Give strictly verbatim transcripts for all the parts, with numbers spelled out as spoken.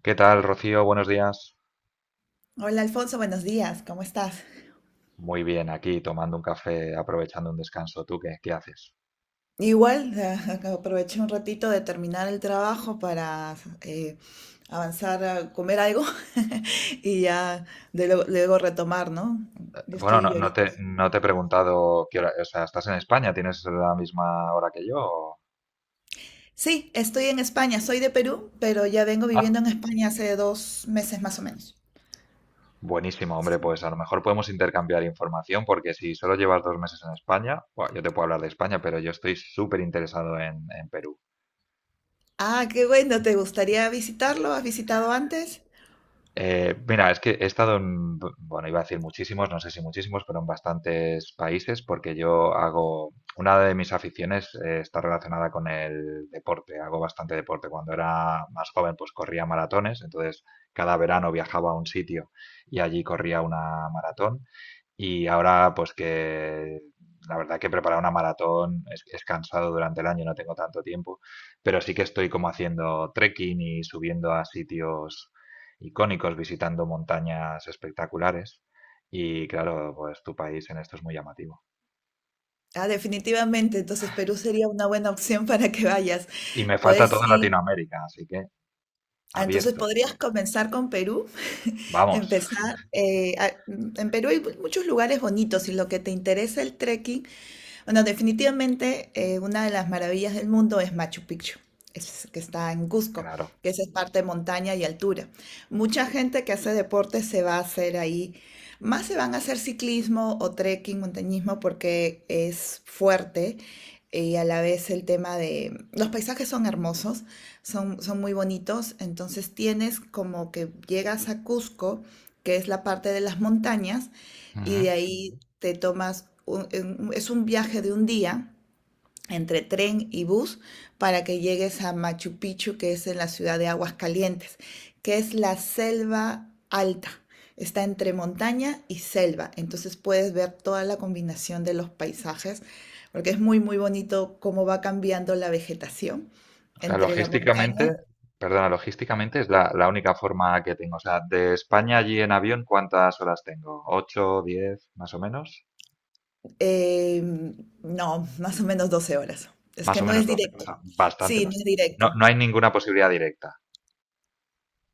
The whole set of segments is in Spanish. ¿Qué tal, Rocío? Buenos días. Hola Alfonso, buenos días, ¿cómo estás? Muy bien, aquí tomando un café, aprovechando un descanso. ¿Tú qué, qué haces? Igual, eh, aproveché un ratito de terminar el trabajo para eh, avanzar a comer algo y ya de luego, luego retomar, ¿no? Eh, Yo Bueno, no, estoy no ahorita. te, no te he preguntado qué hora, o sea, ¿estás en España? ¿Tienes la misma hora que yo? O- Sí, estoy en España, soy de Perú, pero ya vengo viviendo Ah, en España hace dos meses más o menos. buenísimo, hombre, Sí. pues a lo mejor podemos intercambiar información porque si solo llevas dos meses en España, buah, yo te puedo hablar de España, pero yo estoy súper interesado en, en Perú. Ah, qué bueno, ¿te gustaría visitarlo? ¿Has visitado antes? Eh, mira, es que he estado en, bu- bueno, iba a decir muchísimos, no sé si muchísimos, pero en bastantes países, porque yo hago, una de mis aficiones, eh, está relacionada con el deporte, hago bastante deporte. Cuando era más joven, pues corría maratones, entonces cada verano viajaba a un sitio y allí corría una maratón. Y ahora, pues que la verdad que preparar una maratón es, es cansado durante el año, no tengo tanto tiempo, pero sí que estoy como haciendo trekking y subiendo a sitios icónicos, visitando montañas espectaculares. Y claro, pues tu país en esto es muy llamativo. Ah, definitivamente, entonces Perú sería una buena opción para que vayas. Y me falta Puedes toda ir, Latinoamérica, así que ah, entonces abierto. podrías comenzar con Perú. Vamos, Empezar. Eh, a- en Perú hay muchos lugares bonitos y lo que te interesa, el trekking, bueno, definitivamente, eh, una de las maravillas del mundo es Machu Picchu, es- que está en Cusco, claro. que esa es parte de montaña y altura. Mucha gente que hace deporte se va a hacer ahí, más se van a hacer ciclismo o trekking, montañismo, porque es fuerte, eh, y a la vez el tema de los paisajes. Son hermosos, son, son muy bonitos, entonces tienes, como que llegas a Cusco, que es la parte de las montañas, Ujú. y de ahí te tomas, un- en- es un viaje de un día entre tren y bus para que llegues a Machu Picchu, que es en la ciudad de Aguascalientes, que es la selva alta. Está entre montaña y selva, entonces puedes ver toda la combinación de los paisajes, porque es muy, muy bonito cómo va cambiando la vegetación O sea, entre la montaña. logísticamente, perdona, logísticamente es la, la única forma que tengo. O sea, de España allí en avión, ¿cuántas horas tengo? ¿Ocho, diez más o menos? eh, no, más o menos doce horas. Es Más que o no menos es doce, o directo. Mm. sea, bastante Sí, no más. es No, directo. no hay ninguna posibilidad directa,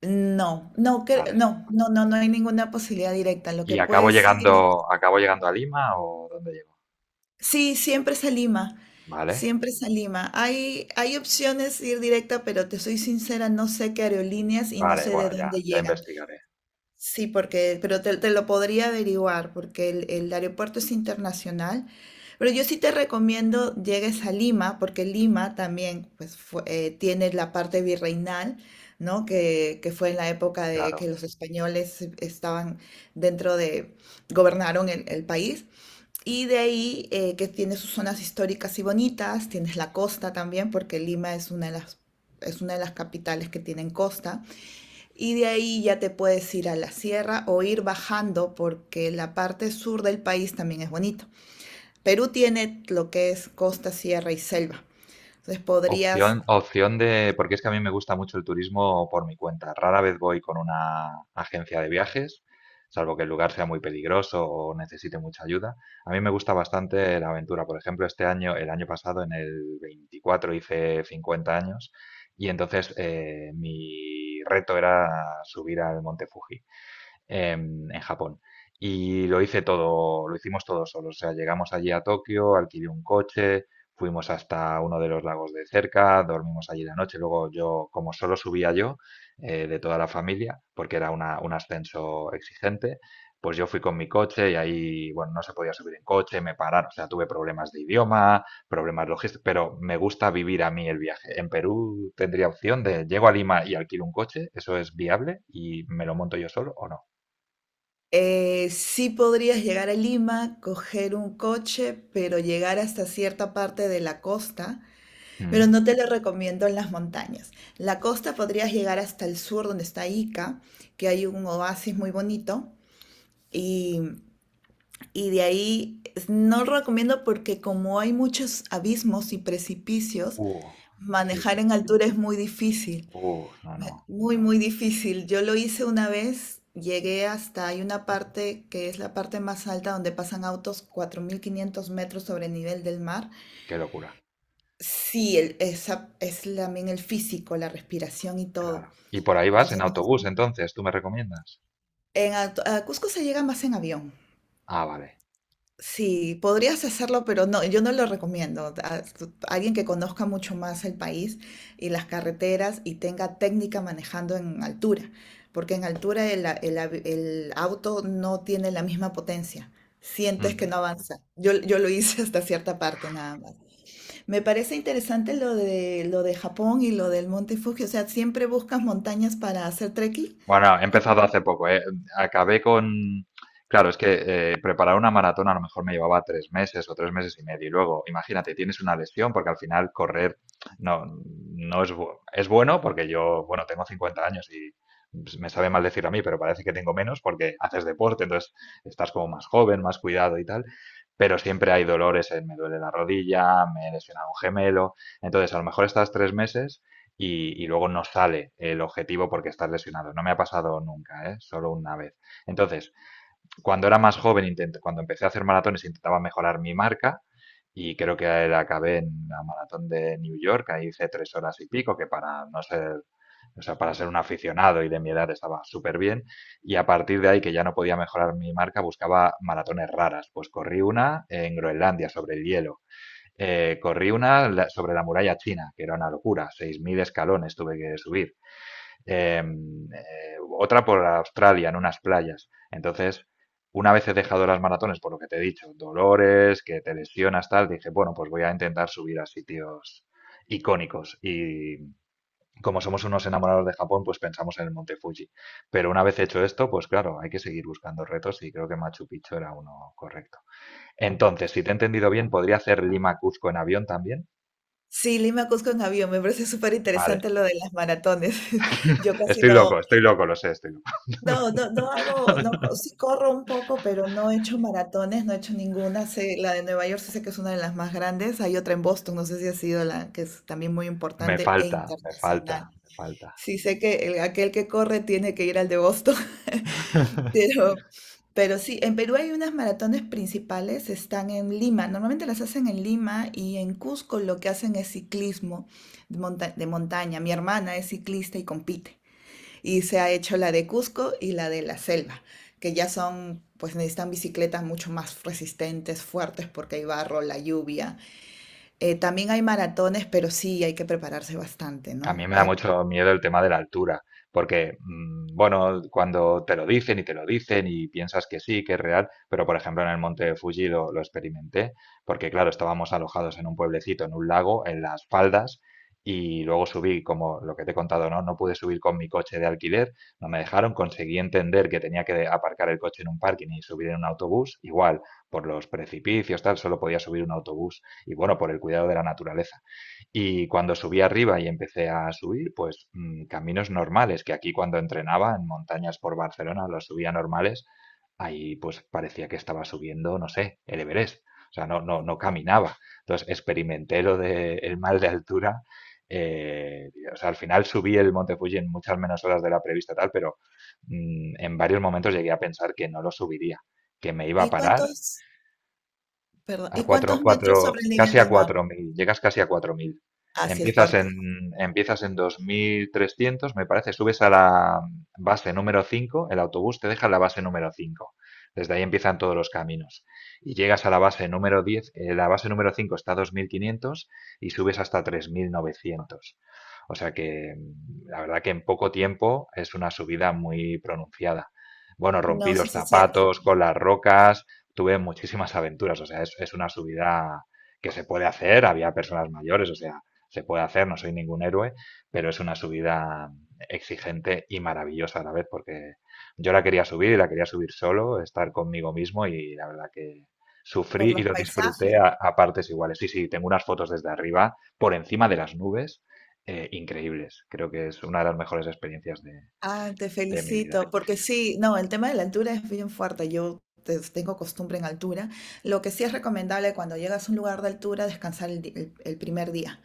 No, no, cre- ¿vale? no, no, no, no hay ninguna posibilidad directa. Lo ¿Y que acabo puedes ir, es... llegando, acabo llegando a Lima o dónde llego? Sí, siempre es a Lima, ¿Vale? siempre es a Lima. Hay, hay opciones de ir directa, pero te soy sincera, no sé qué aerolíneas y no Vale, sé de bueno, ya, dónde ya llegan. investigaré, Sí, porque, pero te, te lo podría averiguar, porque el, el aeropuerto es internacional. Pero yo sí te recomiendo llegues a Lima, porque Lima también pues, fue- eh, tiene la parte virreinal, ¿no? Que, que fue en la época de que claro. los españoles estaban dentro de, gobernaron el, el país. Y de ahí, eh, que tiene sus zonas históricas y bonitas, tienes la costa también, porque Lima es una de las, es una de las capitales que tienen costa. Y de ahí ya te puedes ir a la sierra o ir bajando porque la parte sur del país también es bonito. Perú tiene lo que es costa, sierra y selva. Entonces podrías, Opción, opción de, porque es que a mí me gusta mucho el turismo por mi cuenta. Rara vez voy con una agencia de viajes, salvo que el lugar sea muy peligroso o necesite mucha ayuda. A mí me gusta bastante la aventura. Por ejemplo, este año, el año pasado, en el veinticuatro hice cincuenta años y entonces, eh, mi reto era subir al Monte Fuji. Em, en Japón. Y lo hice todo, lo hicimos todo solo. O sea, llegamos allí a Tokio, alquilé un coche, fuimos hasta uno de los lagos de cerca, dormimos allí la noche. Luego yo, como solo subía yo, eh, de toda la familia, porque era una- un ascenso exigente, pues yo fui con mi coche y ahí, bueno, no se podía subir en coche, me pararon. O sea, tuve problemas de idioma, problemas logísticos, pero me gusta vivir a mí el viaje. En Perú tendría opción de llego a Lima y alquilo un coche, ¿eso es viable y me lo monto yo solo o no? eh, sí, podrías llegar a Lima, coger un coche, pero llegar hasta cierta parte de la costa, pero Mm. no te lo recomiendo en las montañas. La costa podrías llegar hasta el sur donde está Ica, que hay un oasis muy bonito. Y Y de ahí no lo recomiendo porque como hay muchos abismos y precipicios, Uh, sí, manejar sí. en altura es muy difícil, Uh, no, no. muy, muy difícil. Yo lo hice una vez, llegué hasta, hay una parte que es la parte más alta donde pasan autos, cuatro mil quinientos metros sobre el nivel del mar. Qué locura. Sí, el- esa es también el físico, la respiración y Claro. todo. Y por ahí vas en Entonces, no es... autobús, entonces, ¿tú me recomiendas? en, a, a Cusco se llega más en avión. Ah, vale. Sí, podrías hacerlo, pero no, yo no lo recomiendo. A- tu- Alguien que conozca mucho más el país y las carreteras y tenga técnica manejando en altura, porque en altura el, a- el avi- el auto no tiene la misma potencia. Sientes que no avanza. Yo, yo lo hice hasta cierta parte nada más. Me parece interesante lo de, lo de Japón y lo del Monte Fuji. O sea, ¿siempre buscas montañas para hacer trekking? Bueno, he empezado hace poco, ¿eh? Acabé con... Claro, es que, eh, preparar una maratón a lo mejor me llevaba tres meses o tres meses y medio. Y luego, imagínate, tienes una lesión porque al final correr no, no es, bu- es bueno porque yo, bueno, tengo cincuenta años y pues, me sabe mal decir a mí, pero parece que tengo menos porque haces deporte, entonces estás como más joven, más cuidado y tal. Pero siempre hay dolores, eh, me duele la rodilla, me he lesionado un gemelo. Entonces, a lo mejor estás tres meses y, y luego no sale el objetivo porque estás lesionado. No me ha pasado nunca, ¿eh? Solo una vez. Entonces, cuando era más joven, intent- cuando empecé a hacer maratones, intentaba mejorar mi marca y creo que la acabé en la maratón de New York, ahí hice tres horas y pico, que para no ser, o sea, para ser un aficionado y de mi edad estaba súper bien. Y a partir de ahí, que ya no podía mejorar mi marca, buscaba maratones raras. Pues corrí una en Groenlandia sobre el hielo, eh, corrí una la- sobre la muralla china, que era una locura, seis mil escalones tuve que subir. Eh, eh, otra por Australia, en unas playas. Entonces, una vez he dejado las maratones, por lo que te he dicho, dolores, que te lesionas, tal, dije, bueno, pues voy a intentar subir a sitios icónicos. Y como somos unos enamorados de Japón, pues pensamos en el Monte Fuji. Pero una vez hecho esto, pues claro, hay que seguir buscando retos y creo que Machu Picchu era uno correcto. Entonces, si te he entendido bien, podría hacer Lima-Cuzco en avión también. Sí, Lima a Cusco en avión. Me parece súper Vale. interesante lo de las maratones. Yo casi Estoy loco, no, estoy loco, lo sé, estoy loco. no, no, no hago, no, co- sí corro un poco, pero no he hecho maratones, no he hecho ninguna. Sé- la de Nueva York sí sé que es una de las más grandes. Hay otra en Boston, no sé si ha sido la que es también muy Me importante e falta, me falta, internacional. me falta. Sí sé que el- aquel que corre tiene que ir al de Boston. Pero, pero sí, en Perú hay unas maratones principales, están en Lima. Normalmente las hacen en Lima y en Cusco lo que hacen es ciclismo de monta- de montaña. Mi hermana es ciclista y compite. Y se ha hecho la de Cusco y la de la selva, que ya son, pues necesitan bicicletas mucho más resistentes, fuertes, porque hay barro, la lluvia. Eh, también hay maratones, pero sí hay que prepararse bastante, A mí ¿no? me da Eh, mucho miedo el tema de la altura, porque, mm, bueno, cuando te lo dicen y te lo dicen y piensas que sí, que es real, pero por ejemplo en el monte Fuji lo, lo experimenté, porque claro, estábamos alojados en un pueblecito, en un lago, en las faldas, y luego subí, como lo que te he contado, ¿no? No pude subir con mi coche de alquiler, no me dejaron, conseguí entender que tenía que aparcar el coche en un parking y subir en un autobús, igual, por los precipicios, tal, solo podía subir un autobús, y bueno, por el cuidado de la naturaleza. Y cuando subí arriba y empecé a subir, pues, mm, caminos normales, que aquí cuando entrenaba en montañas por Barcelona los subía normales, ahí pues parecía que estaba subiendo, no sé, el Everest. O sea, no, no, no caminaba. Entonces experimenté lo del mal de altura. Eh, o sea, al final subí el Monte Fuji en muchas menos horas de la prevista, tal, pero, mm, en varios momentos llegué a pensar que no lo subiría, que me iba a ¿y parar. cuántos, perdón, a ¿y cuatro, cuántos metros cuatro, sobre el nivel casi a del mar? cuatro mil, llegas casi a cuatro mil. Así es Empiezas fuerte. en, empiezas en dos mil trescientos me parece, subes a la base número cinco. El autobús te deja en la base número cinco. Desde ahí empiezan todos los caminos. Y llegas a la base número diez. Eh, la base número cinco está a dos mil quinientos y subes hasta tres mil novecientos. O sea que, mm, la verdad que en poco tiempo es una subida muy pronunciada. Bueno, rompí No, sí los se siente zapatos con las rocas, tuve muchísimas aventuras, o sea, es, es una subida que se puede hacer, había personas mayores, o sea, se puede hacer, no soy ningún héroe, pero es una subida exigente y maravillosa a la vez, porque yo la quería subir y la quería subir solo, estar conmigo mismo y la verdad que sufrí por y los lo disfruté paisajes. a, a partes iguales. Sí, sí, tengo unas fotos desde arriba, por encima de las nubes, eh, increíbles. Creo que es una de las mejores experiencias de, Ah, te de mi vida. felicito, porque sí, no, el tema de la altura es bien fuerte. Yo te- tengo costumbre en altura. Lo que sí es recomendable cuando llegas a un lugar de altura, descansar el, di- el- el primer día.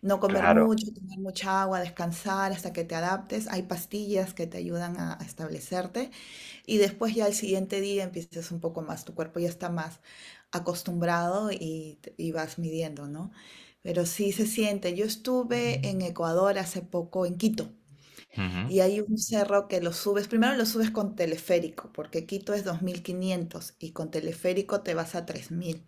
No comer Claro. mucho, tomar mucha agua, descansar hasta que te adaptes. Hay pastillas que te ayudan a a establecerte. Y después ya al siguiente día empiezas un poco más, tu cuerpo ya está más acostumbrado y, y vas midiendo, ¿no? Pero sí se siente. Yo estuve en Ecuador hace poco, en Quito, Ujú. y hay un cerro que lo subes, primero lo subes con teleférico, porque Quito es dos mil quinientos y con teleférico te vas a tres mil,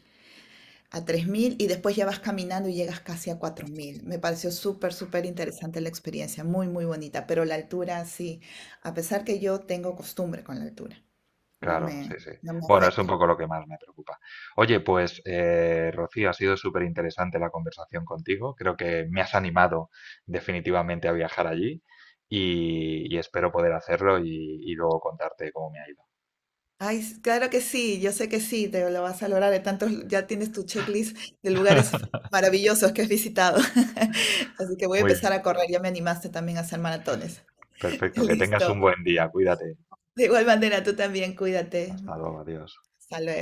a tres mil, y después ya vas caminando y llegas casi a cuatro mil. Me pareció súper, súper interesante la experiencia, muy, muy bonita, pero la altura sí, a pesar que yo tengo costumbre con la altura, no Claro, sí, me, sí. no me Bueno, es un afecta. poco lo que más me preocupa. Oye, pues, eh, Rocío, ha sido súper interesante la conversación contigo. Creo que me has animado definitivamente a viajar allí y, y espero poder hacerlo y, y luego contarte cómo me ha ido. Ay, s- claro que sí, yo sé que sí, te lo vas a lograr. De tantos, ya tienes tu checklist de lugares maravillosos que has visitado. Así que voy a Muy empezar bien, a correr, ya me animaste también a hacer maratones. perfecto. Que tengas un Listo. buen día. Cuídate. De igual manera, tú también, cuídate. Hasta luego, adiós. Hasta luego.